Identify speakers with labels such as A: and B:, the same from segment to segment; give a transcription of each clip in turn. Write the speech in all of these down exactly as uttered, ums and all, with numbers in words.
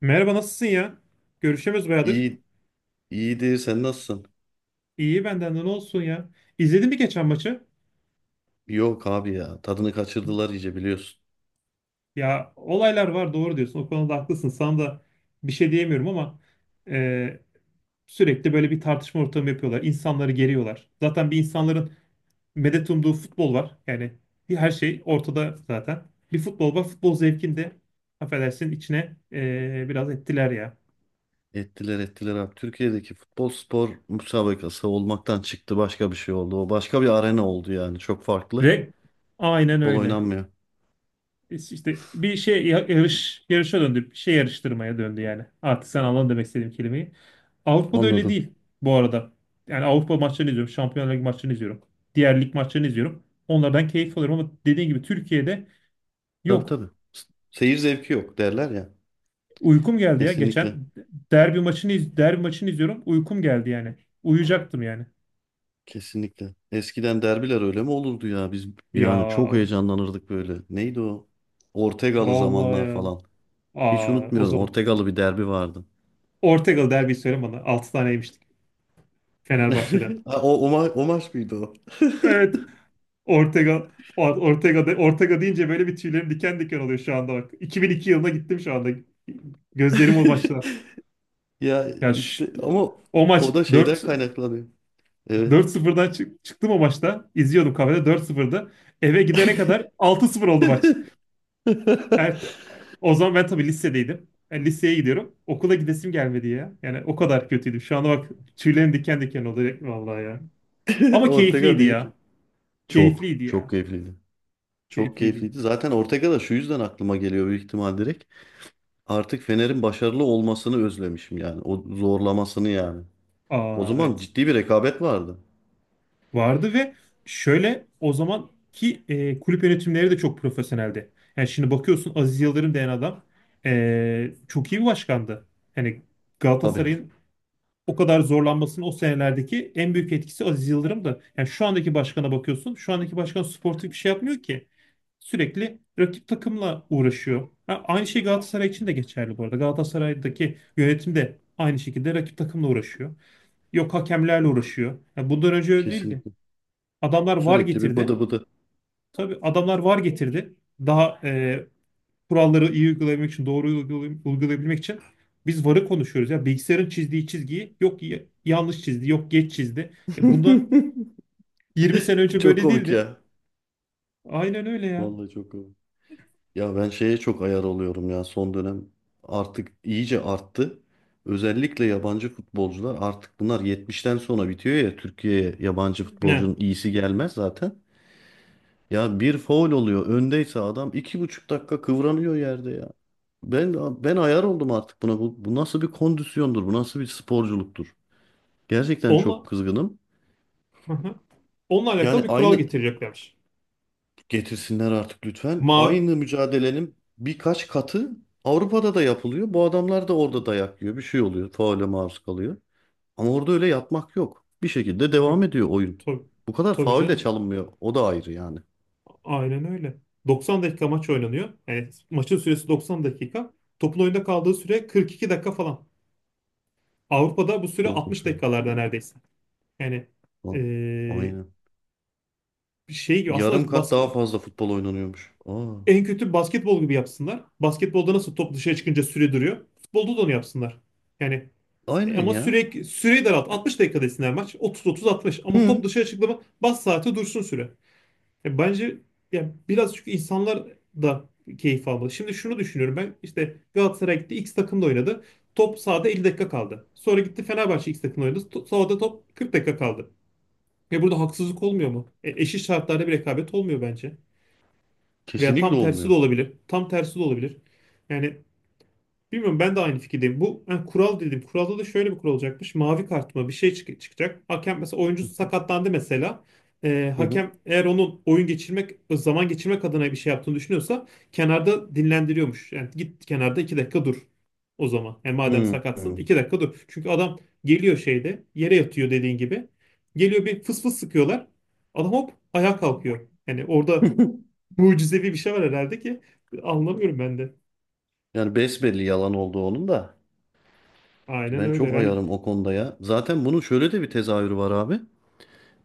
A: Merhaba nasılsın ya? Görüşemiyoruz bayağıdır.
B: İyi, iyiydi. Sen nasılsın?
A: İyi benden de ne olsun ya? İzledin mi geçen maçı?
B: Yok abi ya. Tadını kaçırdılar iyice biliyorsun.
A: Ya olaylar var doğru diyorsun. O konuda haklısın. Sana da bir şey diyemiyorum ama e, sürekli böyle bir tartışma ortamı yapıyorlar. İnsanları geriyorlar. Zaten bir insanların medet umduğu futbol var. Yani bir her şey ortada zaten. Bir futbol var. Futbol zevkini de affedersin içine e, biraz ettiler ya.
B: Ettiler ettiler abi. Türkiye'deki futbol spor müsabakası olmaktan çıktı. Başka bir şey oldu. O başka bir arena oldu yani. Çok farklı.
A: Re Aynen
B: Futbol
A: öyle.
B: oynanmıyor.
A: İşte bir şey ya- yarış yarışa döndü. Bir şey yarıştırmaya döndü yani. Artık sen anladın demek istediğim kelimeyi. Avrupa'da öyle
B: Anladım.
A: değil bu arada. Yani Avrupa maçlarını izliyorum. Şampiyonlar Ligi maçlarını izliyorum. Diğer lig maçlarını izliyorum. Onlardan keyif alıyorum ama dediğin gibi Türkiye'de
B: Tabii,
A: yok.
B: tabii. S- Seyir zevki yok derler ya.
A: Uykum geldi ya.
B: Kesinlikle.
A: Geçen derbi maçını iz- derbi maçını izliyorum. Uykum geldi yani. Uyuyacaktım yani.
B: Kesinlikle. Eskiden derbiler öyle mi olurdu ya? Biz
A: Ya
B: yani çok heyecanlanırdık böyle. Neydi o? Ortegalı
A: vallahi
B: zamanlar
A: ya.
B: falan. Hiç
A: Aa, o
B: unutmuyorum.
A: zaman.
B: Ortegalı bir derbi vardı.
A: Ortegal derbi söyle bana. Altı tane yemiştik Fenerbahçe'den.
B: Ha, o, o, ma- o maç mıydı o?
A: Evet. Ortega. Or- Ortega de, Ortega deyince böyle bir tüylerim diken diken oluyor şu anda bak. iki bin iki yılına gittim şu anda. Gözlerim o maçta.
B: Ya
A: Ya ş-
B: işte ama
A: O
B: o
A: maç
B: da şeyden
A: dört
B: kaynaklanıyor. Evet.
A: dört sıfırdan çık- çıktım o maçta. İzliyordum kafede dört sıfırdı. Eve gidene kadar altı sıfır oldu maç. Evet, o zaman ben tabii lisedeydim. Yani liseye gidiyorum. Okula gidesim gelmedi ya. Yani o kadar kötüydüm. Şu anda bak tüylerim diken diken oluyor vallahi ya. Ama
B: Ortega
A: keyifliydi
B: değil.
A: ya.
B: Çok.
A: Keyifliydi
B: Çok
A: ya.
B: keyifliydi. Çok
A: Keyifliydi.
B: keyifliydi. Zaten Ortega da şu yüzden aklıma geliyor, büyük ihtimal direkt. Artık Fener'in başarılı olmasını özlemişim yani. O zorlamasını yani. O
A: Aa
B: zaman
A: evet.
B: ciddi bir rekabet vardı.
A: Vardı ve şöyle o zamanki e, kulüp yönetimleri de çok profesyoneldi. Yani şimdi bakıyorsun Aziz Yıldırım denen adam e, çok iyi bir başkandı. Yani
B: Tabii.
A: Galatasaray'ın o kadar zorlanmasının o senelerdeki en büyük etkisi Aziz Yıldırım'dı. Yani şu andaki başkana bakıyorsun. Şu andaki başkan sportif bir şey yapmıyor ki. Sürekli rakip takımla uğraşıyor. Ha, aynı şey Galatasaray için de geçerli bu arada. Galatasaray'daki yönetim de aynı şekilde rakip takımla uğraşıyor. Yok hakemlerle uğraşıyor. Ya bundan önce öyle değildi.
B: Kesinlikle.
A: Adamlar VAR
B: Sürekli bir
A: getirdi.
B: bıdı bıdı.
A: Tabii adamlar VAR getirdi. Daha e, kuralları iyi uygulayabilmek için, doğru uygulay- uygulayabilmek için biz VAR'ı konuşuyoruz. Ya bilgisayarın çizdiği çizgiyi yok y- yanlış çizdi, yok geç çizdi. E, bunda yirmi sene önce
B: Çok
A: böyle
B: komik
A: değildi.
B: ya.
A: Aynen öyle ya.
B: Vallahi çok komik. Ya ben şeye çok ayar oluyorum ya, son dönem artık iyice arttı. Özellikle yabancı futbolcular, artık bunlar yetmişten sonra bitiyor ya, Türkiye'ye yabancı
A: Ne?
B: futbolcunun iyisi gelmez zaten. Ya bir faul oluyor, öndeyse adam iki buçuk dakika kıvranıyor yerde ya. Ben ben ayar oldum artık buna. Bu, bu nasıl bir kondisyondur? Bu nasıl bir sporculuktur? Gerçekten çok
A: Onunla
B: kızgınım.
A: Hı hı. Onunla alakalı
B: Yani
A: bir kural
B: aynı
A: getireceklermiş.
B: getirsinler artık lütfen.
A: Mavi
B: Aynı mücadelenin birkaç katı Avrupa'da da yapılıyor. Bu adamlar da orada dayak yiyor. Bir şey oluyor. Faule maruz kalıyor. Ama orada öyle yatmak yok. Bir şekilde devam
A: Yok.
B: ediyor oyun.
A: Tabii,
B: Bu kadar
A: tabii
B: faul de
A: canım.
B: çalınmıyor. O da ayrı yani.
A: Aynen öyle. doksan dakika maç oynanıyor. Yani maçın süresi doksan dakika. Topun oyunda kaldığı süre kırk iki dakika falan. Avrupa'da bu süre altmış
B: Korkunç. oyun.
A: dakikalarda neredeyse. Yani
B: A-
A: eee,
B: Aynen.
A: şey gibi
B: Yarım
A: aslında
B: kat daha
A: basket,
B: fazla futbol oynanıyormuş. Aa,
A: en kötü basketbol gibi yapsınlar. Basketbolda nasıl top dışarı çıkınca süre duruyor. Futbolda da onu yapsınlar. Yani e,
B: aynen
A: ama
B: ya.
A: sürekli süreyi daralt. altmış dakika desinler maç. otuz otuz-altmış ama
B: Hı.
A: top dışarı çıktı mı bas saati dursun süre. E, bence ya biraz çünkü insanlar da keyif almalı. Şimdi şunu düşünüyorum ben işte Galatasaray gitti X takımda oynadı. Top sahada elli dakika kaldı. Sonra gitti Fenerbahçe X takımda oynadı. To- Sahada top kırk dakika kaldı. Ve burada haksızlık olmuyor mu? E, eşit şartlarda bir rekabet olmuyor bence. Veya
B: Kesinlikle
A: tam tersi de
B: olmuyor.
A: olabilir. Tam tersi de olabilir. Yani bilmiyorum ben de aynı fikirdeyim. Bu ha, kural dedim. Kuralda da şöyle bir kural olacakmış. Mavi kart mı bir şey çık- çıkacak. Hakem mesela oyuncu sakatlandı mesela. Ee,
B: Hı hı.
A: hakem eğer onun oyun geçirmek, zaman geçirmek adına bir şey yaptığını düşünüyorsa kenarda dinlendiriyormuş. Yani git kenarda iki dakika dur o zaman. Yani madem
B: Hı
A: sakatsın
B: hı.
A: iki dakika dur. Çünkü adam geliyor şeyde yere yatıyor dediğin gibi. Geliyor bir fıs fıs sıkıyorlar. Adam hop ayağa kalkıyor. Yani orada mucizevi bir şey var herhalde ki anlamıyorum ben de.
B: Yani besbelli yalan oldu onun da.
A: Aynen
B: Ben
A: öyle.
B: çok
A: Yani
B: ayarım o konuda ya. Zaten bunun şöyle de bir tezahürü var abi.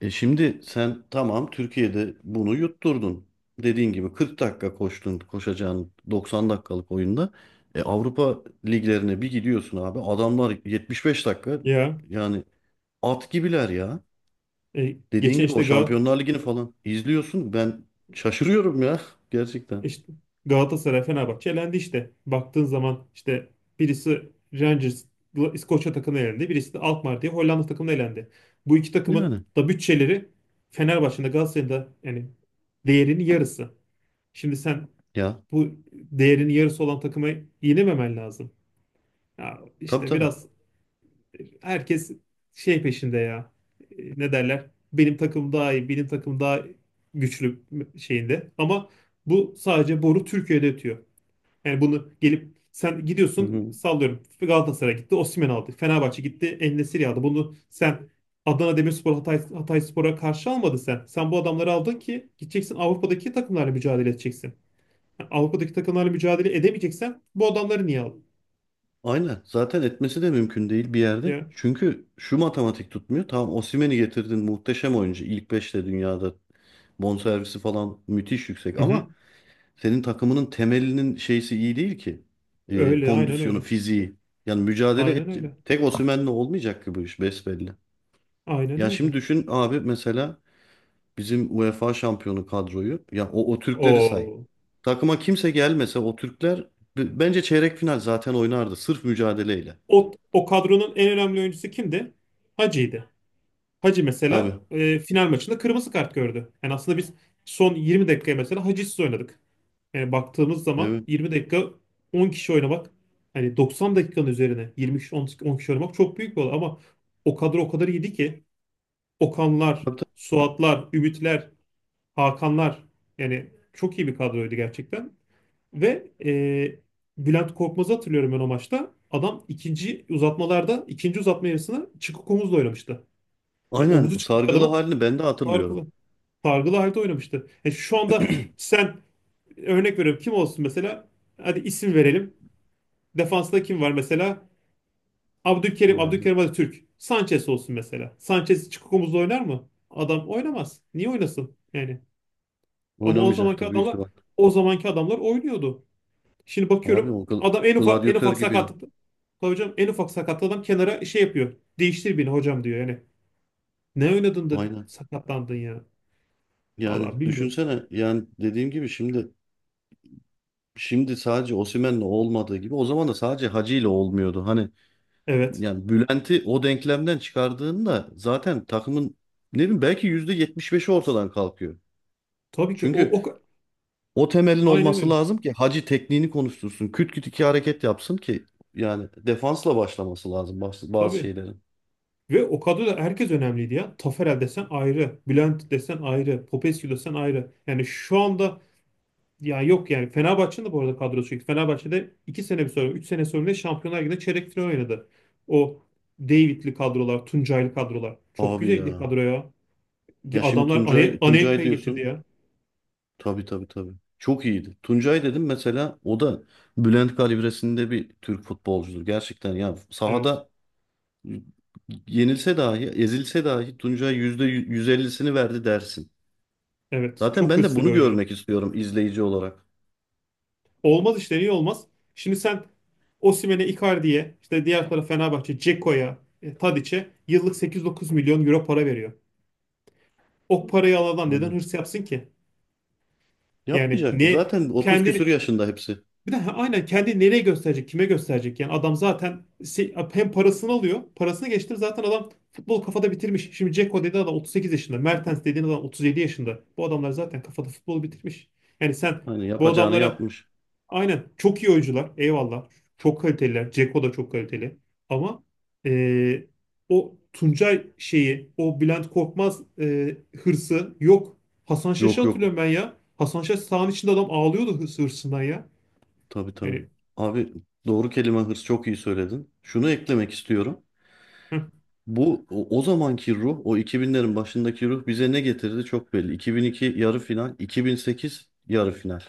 B: E şimdi sen tamam, Türkiye'de bunu yutturdun. Dediğin gibi kırk dakika koştun koşacağın doksan dakikalık oyunda. E Avrupa liglerine bir gidiyorsun abi. Adamlar yetmiş beş dakika,
A: ya
B: yani at gibiler ya.
A: E,
B: Dediğin
A: geçen
B: gibi o
A: işte, Gal
B: Şampiyonlar Ligi'ni falan izliyorsun. Ben şaşırıyorum ya,
A: e,
B: gerçekten.
A: işte Galatasaray, Fenerbahçe elendi işte. Baktığın zaman işte birisi Rangers, İskoçya takımına elendi. Birisi de Alkmaar diye Hollanda takımına elendi. Bu iki takımın
B: Yani
A: da bütçeleri Fenerbahçe'nin de Galatasaray'ın da yani değerinin yarısı. Şimdi sen
B: ya,
A: bu değerinin yarısı olan takıma yenememen lazım. Ya
B: tabii
A: işte
B: tabii.
A: biraz herkes şey peşinde ya. E, Ne derler? Benim takım daha iyi, benim takım daha güçlü şeyinde. Ama bu sadece boru Türkiye'de ötüyor. Yani bunu gelip sen gidiyorsun sallıyorum. Galatasaray gitti, Osimhen aldı. Fenerbahçe gitti, En-Nesyri aldı. Bunu sen Adana Demirspor, Hatay, Hatayspor'a karşı almadın sen. Sen bu adamları aldın ki gideceksin Avrupa'daki takımlarla mücadele edeceksin. Yani Avrupa'daki takımlarla mücadele edemeyeceksen bu adamları niye aldın?
B: Aynen. Zaten etmesi de mümkün değil bir yerde.
A: Ya.
B: Çünkü şu matematik tutmuyor. Tamam, Osimhen'i getirdin, muhteşem oyuncu. İlk beşte dünyada, bonservisi falan müthiş yüksek,
A: Hı hı.
B: ama senin takımının temelinin şeysi iyi değil ki. Ee,
A: Öyle, aynen
B: kondisyonu,
A: öyle.
B: fiziği. Yani mücadele
A: Aynen
B: et.
A: öyle.
B: Tek Osimhen'le olmayacak ki bu iş, besbelli.
A: Aynen
B: Ya
A: öyle.
B: şimdi düşün abi mesela, bizim UEFA şampiyonu kadroyu. Ya o, o Türkleri say.
A: O,
B: Takıma kimse gelmese o Türkler b- bence çeyrek final zaten oynardı. Sırf mücadeleyle.
A: o, O kadronun en önemli oyuncusu kimdi? Hacı'ydı. Hacı mesela
B: Tabii.
A: e, final maçında kırmızı kart gördü. Yani aslında biz son yirmi dakikaya mesela Hacı'sız oynadık. Yani baktığımız zaman
B: Evet.
A: yirmi dakika on kişi oynamak hani doksan dakikanın üzerine yirmi kişi on, kişi- on kişi oynamak çok büyük bir olay ama o kadro o kadar iyiydi ki Okanlar,
B: Hatta
A: Suatlar, Ümitler, Hakanlar yani çok iyi bir kadroydu gerçekten. Ve e, Bülent Korkmaz'ı hatırlıyorum ben o maçta. Adam ikinci uzatmalarda, ikinci uzatma yarısına çıkık omuzla oynamıştı. Yani
B: aynen
A: omuzu çıkmış
B: sargılı
A: adamın
B: halini ben de hatırlıyorum.
A: targılı, targılı halde oynamıştı. Yani şu anda sen örnek veriyorum kim olsun mesela? Hadi isim verelim. Defansta kim var mesela? Abdülkerim,
B: Kim vardı?
A: Abdülkerim hadi Türk. Sanchez olsun mesela. Sanchez çıkık omuzla oynar mı? Adam oynamaz. Niye oynasın? Yani ama o zamanki
B: Oynamayacaktır büyük
A: adamlar
B: ihtimal.
A: o zamanki adamlar oynuyordu. Şimdi
B: Abi
A: bakıyorum
B: o gl-
A: adam en ufak en
B: gladyatör
A: ufak
B: gibi ya.
A: sakatlıkta hocam en ufak sakatlıkta adam kenara şey yapıyor. Değiştir beni hocam diyor yani. Ne oynadın da
B: Aynen.
A: sakatlandın ya?
B: Yani
A: Allah bilmiyorum.
B: düşünsene, yani dediğim gibi şimdi şimdi sadece Osimhen'le olmadığı gibi, o zaman da sadece Hacı ile olmuyordu. Hani
A: Evet.
B: yani Bülent'i o denklemden çıkardığında zaten takımın, ne bileyim, belki yüzde yetmiş beşi ortadan kalkıyor.
A: Tabii ki o,
B: Çünkü
A: o ka-
B: o temelin
A: Aynen
B: olması
A: öyle.
B: lazım ki Hacı tekniğini konuştursun. Küt küt iki hareket yapsın ki, yani defansla başlaması lazım bazı, bazı
A: Tabii.
B: şeylerin.
A: Ve o kadroda herkes önemliydi ya. Taferel desen ayrı, Bülent desen ayrı, Popescu desen ayrı. Yani şu anda ya yok yani Fenerbahçe'nin de bu arada kadrosu yüksek. Fenerbahçe'de iki sene bir sonra üç sene sonra Şampiyonlar Ligi'nde çeyrek final oynadı. O David'li kadrolar, Tuncay'lı kadrolar. Çok
B: Abi
A: güzeldi
B: ya.
A: kadroya.
B: Ya şimdi
A: Adamlar Ane-
B: Tuncay Tuncay
A: Anelka'yı getirdi
B: diyorsun.
A: ya.
B: Tabii, tabii, tabii. Çok iyiydi. Tuncay dedim mesela, o da Bülent kalibresinde bir Türk futbolcudur. Gerçekten ya,
A: Evet.
B: sahada yenilse dahi, ezilse dahi Tuncay yüzde %150'sini verdi dersin.
A: Evet.
B: Zaten
A: Çok
B: ben de
A: hırslı bir
B: bunu
A: oyuncuydu.
B: görmek istiyorum, izleyici olarak.
A: Olmaz işte. Niye olmaz? Şimdi sen Osimhen'e, Icardi'ye, işte diğer taraf Fenerbahçe, Dzeko'ya, e, Tadiç'e yıllık sekiz dokuz milyon euro para veriyor. O parayı alan adam neden
B: Aynen.
A: hırs yapsın ki? Yani
B: Yapmayacaktır.
A: ne
B: Zaten otuz küsur
A: kendini
B: yaşında hepsi.
A: Bir de ha- aynen kendi nereye gösterecek, kime gösterecek? Yani adam zaten se- hem parasını alıyor. Parasını geçtim zaten adam futbol kafada bitirmiş. Şimdi Dzeko dediğin adam otuz sekiz yaşında. Mertens dediğin adam otuz yedi yaşında. Bu adamlar zaten kafada futbolu bitirmiş. Yani sen
B: Hani
A: bu
B: yapacağını
A: adamlara
B: yapmış.
A: aynen çok iyi oyuncular. Eyvallah. Çok kaliteliler. Dzeko da çok kaliteli. Ama eee, o Tuncay şeyi, o Bülent Korkmaz eee, hırsı yok. Hasan Şaş'ı
B: Yok, yok.
A: hatırlıyorum ben ya. Hasan Şaş sahanın içinde adam ağlıyordu hırs- hırsından ya.
B: Tabii, tabii.
A: Yani.
B: Abi doğru kelime hırs, çok iyi söyledin. Şunu eklemek istiyorum. Bu o, o zamanki ruh, o iki binlerin başındaki ruh bize ne getirdi çok belli. iki bin iki yarı final, iki bin sekiz yarı final.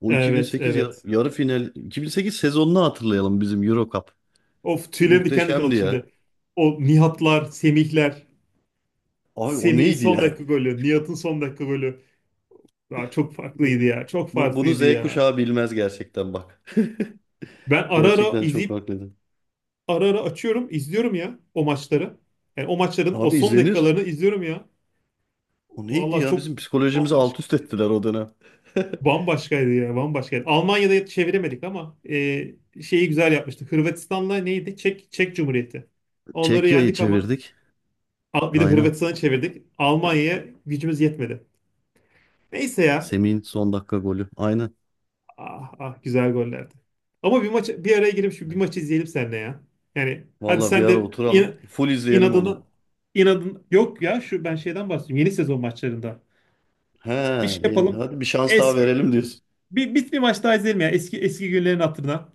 B: O
A: Evet,
B: iki bin sekiz ya-
A: evet.
B: yarı final, iki bin sekiz sezonunu hatırlayalım, bizim Euro Cup.
A: Of tüylerim diken diken
B: Muhteşemdi
A: oldu
B: ya.
A: şimdi. O Nihatlar, Semihler.
B: Abi o
A: Semih'in
B: neydi
A: son
B: ya?
A: dakika golü, Nihat'ın son dakika golü. Ya çok farklıydı ya, çok
B: Bu, bunu
A: farklıydı
B: Z
A: ya.
B: kuşağı bilmez gerçekten, bak.
A: Ben ara ara
B: Gerçekten çok
A: izleyip,
B: haklıydın.
A: ara ara açıyorum, izliyorum ya o maçları. Yani o maçların o
B: Abi
A: son
B: izlenir.
A: dakikalarını izliyorum ya.
B: O neydi
A: Vallahi
B: ya?
A: çok
B: Bizim psikolojimizi
A: bambaşka,
B: alt üst ettiler o dönem.
A: bambaşkaydı ya, bambaşkaydı. Almanya'da çeviremedik ama e, şeyi güzel yapmıştık. Hırvatistan'la neydi? Çek, Çek Cumhuriyeti. Onları
B: Çekya'yı
A: yendik ama.
B: çevirdik.
A: Al- Bir de
B: Aynen.
A: Hırvatistan'a çevirdik. Almanya'ya gücümüz yetmedi. Neyse ya.
B: Semih'in son dakika golü. Aynen.
A: Ah ah güzel gollerdi. Ama bir maç bir araya girip şu bir maçı izleyelim seninle ya. Yani hadi
B: Vallahi bir
A: sen
B: ara
A: de in,
B: oturalım. Full izleyelim onu.
A: inadına inadın yok ya şu ben şeyden bahsediyorum. Yeni sezon maçlarında.
B: He,
A: Bir şey
B: yeni,
A: yapalım.
B: hadi bir şans daha
A: Eski
B: verelim diyorsun.
A: bir, bir, bir maç daha izleyelim ya eski eski günlerin hatırına.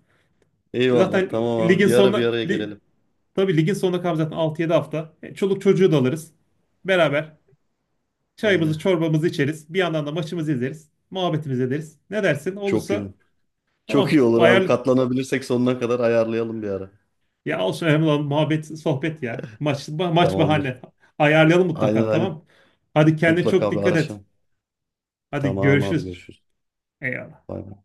B: Eyvallah.
A: Zaten
B: Tamam abi.
A: ligin
B: Bir ara bir
A: sonuna
B: araya
A: li,
B: gelelim.
A: tabii ligin sonuna kalmış zaten altı yedi hafta. E, Çoluk çocuğu da alırız. Beraber çayımızı,
B: Aynen.
A: çorbamızı içeriz. Bir yandan da maçımızı izleriz. Muhabbetimizi ederiz. Ne dersin?
B: Çok iyi.
A: Olursa
B: Çok iyi
A: tamam.
B: olur abi.
A: Ayarlı.
B: Katlanabilirsek sonuna kadar ayarlayalım bir ara.
A: Ya olsun önemli olan muhabbet, sohbet ya. Maç, ma- maç
B: Tamamdır.
A: bahane. Ayarlayalım
B: Aynen,
A: mutlaka
B: aynen.
A: tamam. Hadi kendine çok
B: Mutlaka bir
A: dikkat et.
B: araşalım.
A: Hadi
B: Tamam abi,
A: görüşürüz.
B: görüşürüz.
A: Eyvallah.
B: Bay bay.